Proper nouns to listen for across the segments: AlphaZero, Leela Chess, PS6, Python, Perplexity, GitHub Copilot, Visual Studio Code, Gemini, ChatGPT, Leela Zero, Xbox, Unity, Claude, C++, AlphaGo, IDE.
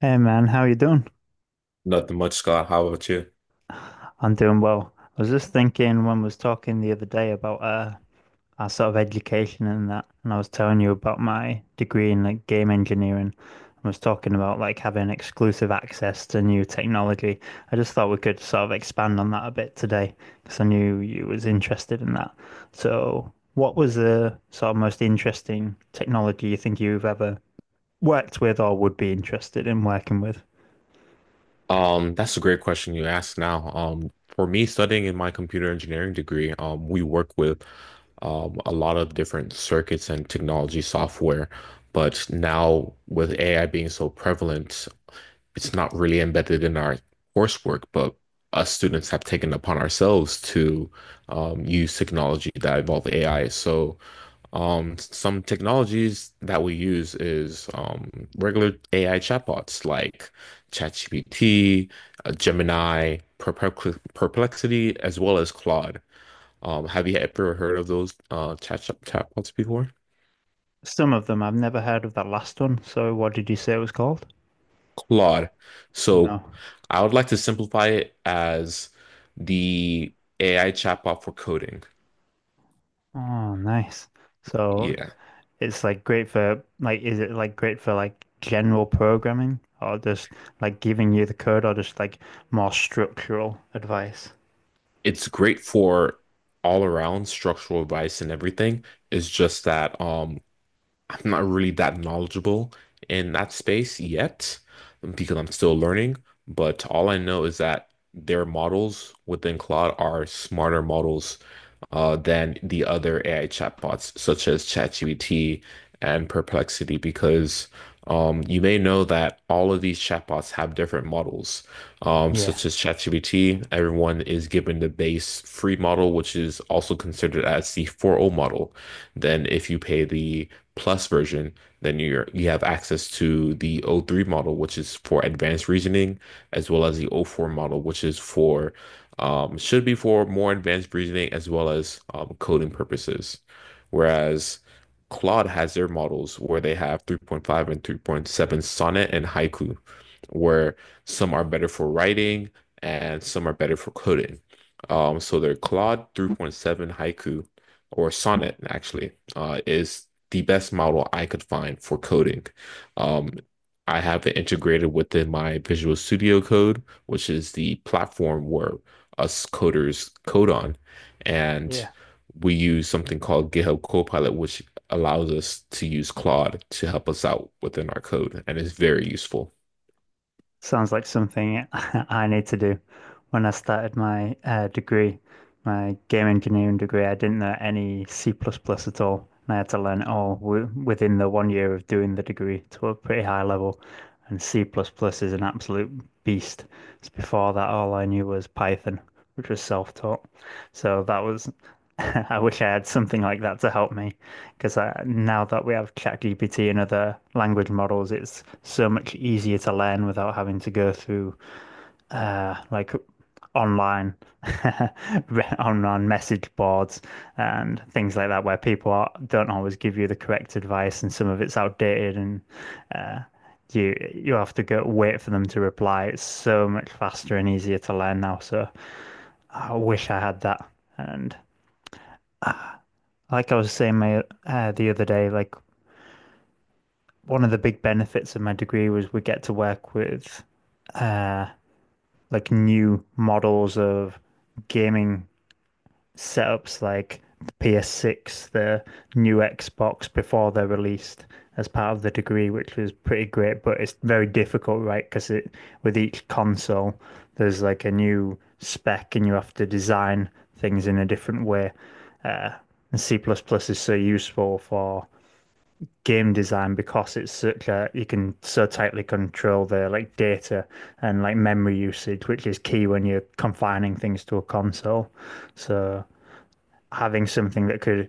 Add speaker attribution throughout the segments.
Speaker 1: Hey man, how you doing?
Speaker 2: Nothing much, Scott. How about you?
Speaker 1: I'm doing well. I was just thinking when we was talking the other day about our sort of education and that, and I was telling you about my degree in like game engineering. I was talking about like having exclusive access to new technology. I just thought we could sort of expand on that a bit today because I knew you was interested in that. So, what was the sort of most interesting technology you think you've ever worked with or would be interested in working with?
Speaker 2: That's a great question you asked now. For me, studying in my computer engineering degree, we work with a lot of different circuits and technology software. But now, with AI being so prevalent, it's not really embedded in our coursework, but us students have taken upon ourselves to use technology that involve AI. Some technologies that we use is regular AI chatbots like ChatGPT, Gemini, Perplexity, as well as Claude. Have you ever heard of those chatbots before?
Speaker 1: Some of them. I've never heard of that last one. So what did you say it was called?
Speaker 2: Claude. So
Speaker 1: No.
Speaker 2: I would like to simplify it as the AI chatbot for coding.
Speaker 1: Oh, nice. So
Speaker 2: Yeah.
Speaker 1: it's like great for like is it like great for like general programming or just like giving you the code or just like more structural advice?
Speaker 2: It's great for all around structural advice and everything. It's just that I'm not really that knowledgeable in that space yet because I'm still learning, but all I know is that their models within Claude are smarter models than the other AI chatbots, such as ChatGPT and Perplexity, because you may know that all of these chatbots have different models,
Speaker 1: Yeah.
Speaker 2: such as ChatGPT. Everyone is given the base free model, which is also considered as the 4.0 model. Then, if you pay the Plus version, then you have access to the O three model, which is for advanced reasoning, as well as the O four model, which is for should be for more advanced reasoning as well as coding purposes. Whereas Claude has their models where they have 3.5 and 3.7 Sonnet and Haiku, where some are better for writing and some are better for coding. So their Claude 3.7 Haiku or Sonnet actually is the best model I could find for coding. Um, I have it integrated within my Visual Studio Code, which is the platform where us coders code on. And
Speaker 1: Yeah.
Speaker 2: we use something called GitHub Copilot, which allows us to use Claude to help us out within our code. And it's very useful.
Speaker 1: Sounds like something I need to do. When I started my degree, my game engineering degree, I didn't know any C++ plus plus at all, and I had to learn it all w within the 1 year of doing the degree to a pretty high level. And C++ plus plus is an absolute beast. So before that, all I knew was Python, which was self-taught. So that was. I wish I had something like that to help me because now that we have ChatGPT and other language models, it's so much easier to learn without having to go through like online online message boards and things like that where people are, don't always give you the correct advice and some of it's outdated and you have to go wait for them to reply. It's so much faster and easier to learn now. So I wish I had that and. Like I was saying my, the other day, like one of the big benefits of my degree was we get to work with like new models of gaming setups like the PS6, the new Xbox before they're released as part of the degree, which was pretty great, but it's very difficult, right? Because it with each console there's like a new spec and you have to design things in a different way. And C++ plus plus is so useful for game design because it's such a you can so tightly control the like data and like memory usage, which is key when you're confining things to a console. So having something that could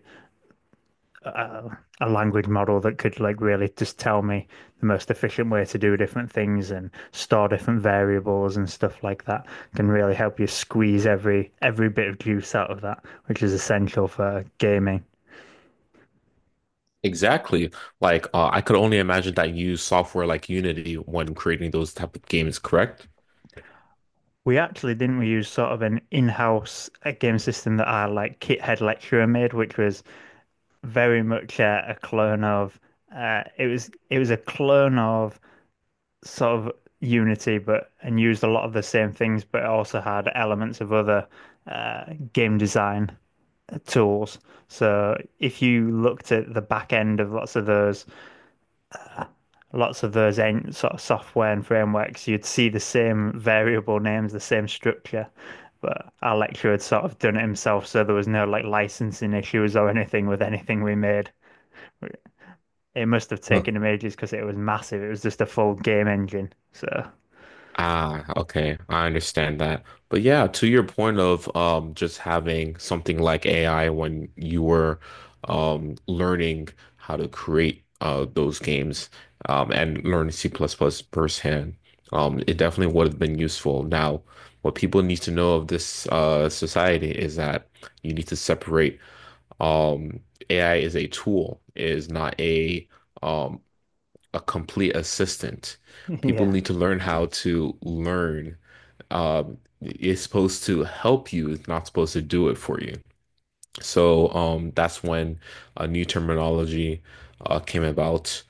Speaker 1: a language model that could like really just tell me the most efficient way to do different things and store different variables and stuff like that can really help you squeeze every bit of juice out of that, which is essential for gaming.
Speaker 2: Exactly. Like, I could only imagine that you use software like Unity when creating those type of games, correct?
Speaker 1: We actually didn't we use sort of an in-house game system that our like kit head lecturer made, which was very much a clone of it was a clone of sort of Unity, but and used a lot of the same things, but also had elements of other uh, game design tools. So if you looked at the back end of lots of those en sort of software and frameworks, you'd see the same variable names, the same structure. But our lecturer had sort of done it himself, so there was no like licensing issues or anything with anything we made. It must have taken him ages because it was massive. It was just a full game engine. So
Speaker 2: Ah, okay. I understand that. But yeah, to your point of just having something like AI when you were learning how to create those games and learn C++ plus plus firsthand, it definitely would have been useful. Now, what people need to know of this society is that you need to separate um AI is a tool, it is not a um a complete assistant. People
Speaker 1: yeah,
Speaker 2: need to learn how to learn. It's supposed to help you, it's not supposed to do it for you. So that's when a new terminology came about,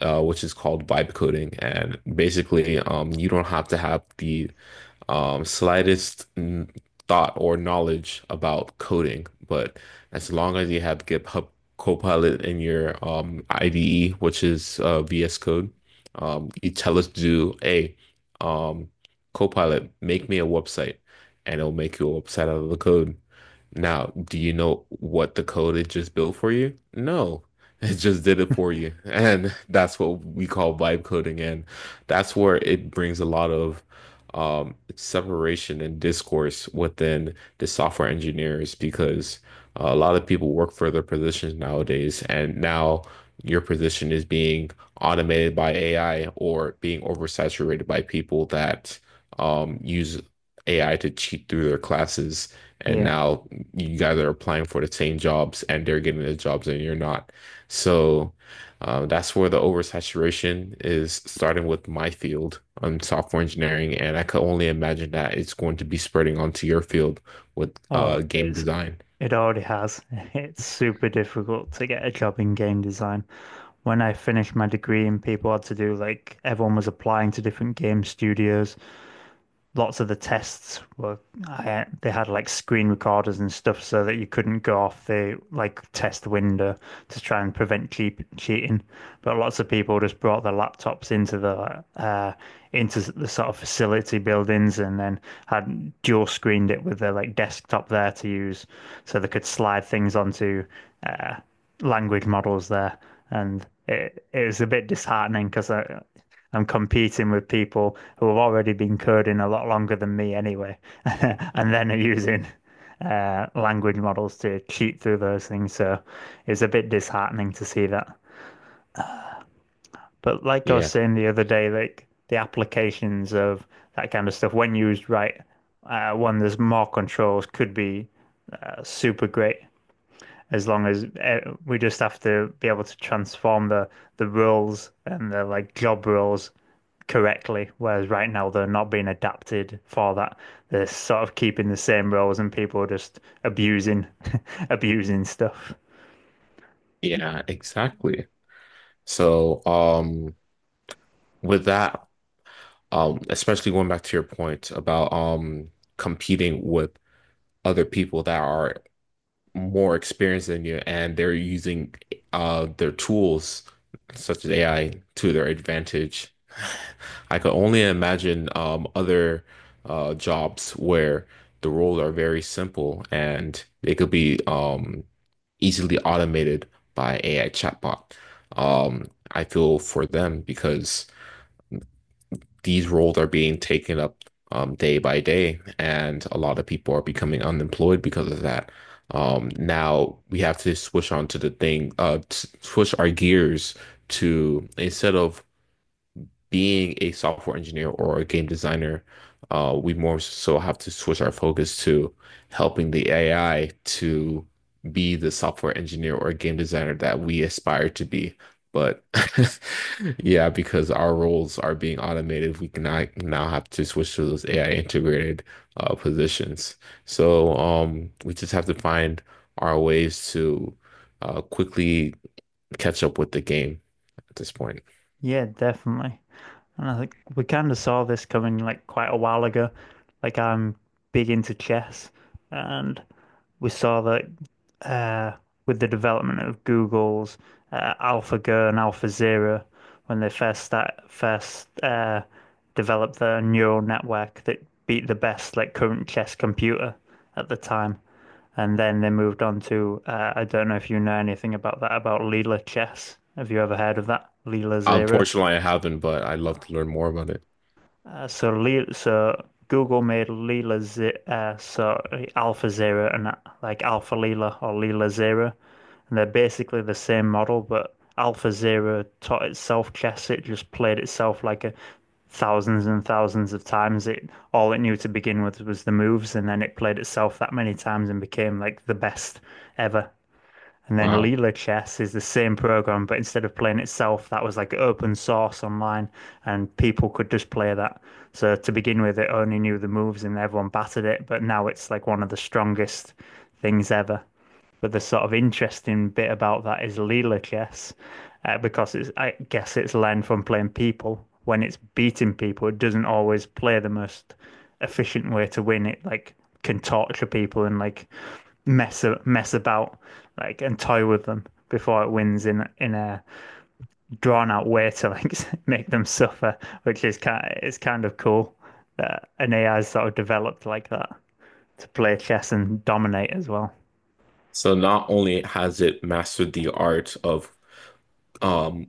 Speaker 2: which is called vibe coding. And basically, you don't have to have the um, slightest n- thought or knowledge about coding. But as long as you have GitHub Copilot in your IDE, which is VS Code, you tell us to do a um, Copilot, make me a website, and it'll make you a website out of the code. Now, do you know what the code it just built for you? No, it just did it for you. And that's what we call vibe coding. And that's where it brings a lot of separation and discourse within the software engineers because a lot of people work for their positions nowadays. And now your position is being automated by AI or being oversaturated by people that use AI to cheat through their classes. And
Speaker 1: yeah.
Speaker 2: now you guys are applying for the same jobs and they're getting the jobs and you're not. So that's where the oversaturation is starting with my field on software engineering. And I could only imagine that it's going to be spreading onto your field with
Speaker 1: Oh,
Speaker 2: game
Speaker 1: it's
Speaker 2: design.
Speaker 1: it already has. It's super difficult to get a job in game design. When I finished my degree and people had to do like everyone was applying to different game studios, lots of the tests were I, they had like screen recorders and stuff so that you couldn't go off the like test window to try and prevent cheating. But lots of people just brought their laptops into the sort of facility buildings and then had dual screened it with their like desktop there to use, so they could slide things onto uh, language models there. And it was a bit disheartening because I'm competing with people who have already been coding a lot longer than me anyway, and then are using language models to cheat through those things. So it's a bit disheartening to see that. But like I was
Speaker 2: Yeah,
Speaker 1: saying the other day, like the applications of that kind of stuff, when used right, one there's more controls, could be super great as long as we just have to be able to transform the rules and the like job rules correctly, whereas right now they're not being adapted for that. They're sort of keeping the same rules and people are just abusing abusing stuff.
Speaker 2: yeah, exactly. So with that, especially going back to your point about competing with other people that are more experienced than you and they're using their tools such as AI to their advantage. I could only imagine other jobs where the roles are very simple and they could be easily automated by AI chatbot. I feel for them because these roles are being taken up day by day, and a lot of people are becoming unemployed because of that. Now we have to switch on to the thing, switch our gears to instead of being a software engineer or a game designer, we more so have to switch our focus to helping the AI to be the software engineer or game designer that we aspire to be. But yeah, because our roles are being automated, we cannot now have to switch to those AI integrated positions. So we just have to find our ways to quickly catch up with the game at this point.
Speaker 1: Yeah, definitely. And I think we kind of saw this coming like quite a while ago. Like I'm big into chess and we saw that uh, with the development of Google's AlphaGo and AlphaZero, when they first developed their neural network that beat the best like current chess computer at the time, and then they moved on to I don't know if you know anything about that about Leela chess. Have you ever heard of that Leela Zero?
Speaker 2: Unfortunately, I haven't, but I'd love to learn more about it.
Speaker 1: So, Google made Leela Z so Alpha Zero and like Alpha Leela or Leela Zero, and they're basically the same model, but Alpha Zero taught itself chess. It just played itself like a thousands and thousands of times. It all it knew to begin with was the moves, and then it played itself that many times and became like the best ever. And then
Speaker 2: Wow.
Speaker 1: Leela Chess is the same program, but instead of playing itself, that was like open source online, and people could just play that. So to begin with, it only knew the moves and everyone battered it, but now it's like one of the strongest things ever. But the sort of interesting bit about that is Lelachess, because it's, I guess it's learned from playing people. When it's beating people, it doesn't always play the most efficient way to win. It like can torture people and like mess about like and toy with them before it wins in a drawn out way to like make them suffer, which is kind of cool that an AI sort of developed like that to play chess and dominate as well.
Speaker 2: So not only has it mastered the art of um,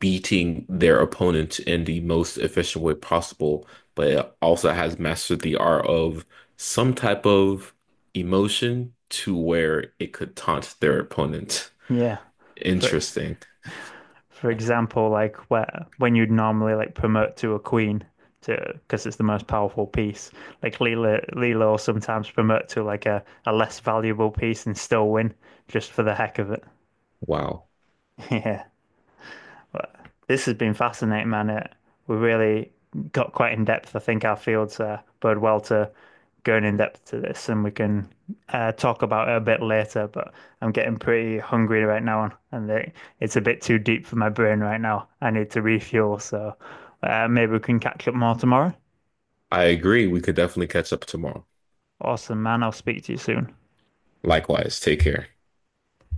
Speaker 2: beating their opponent in the most efficient way possible, but it also has mastered the art of some type of emotion to where it could taunt their opponent.
Speaker 1: Yeah, for
Speaker 2: Interesting.
Speaker 1: for example, like where when you'd normally like promote to a queen to because it's the most powerful piece, like Leela will sometimes promote to like a less valuable piece and still win just for the heck of it.
Speaker 2: Wow.
Speaker 1: Yeah. This has been fascinating, man. It, we really got quite in depth. I think our fields bode well to going in depth to this, and we can talk about it a bit later. But I'm getting pretty hungry right now, and it, it's a bit too deep for my brain right now. I need to refuel, so maybe we can catch up more tomorrow.
Speaker 2: I agree. We could definitely catch up tomorrow.
Speaker 1: Awesome, man. I'll speak to you soon.
Speaker 2: Likewise, take care.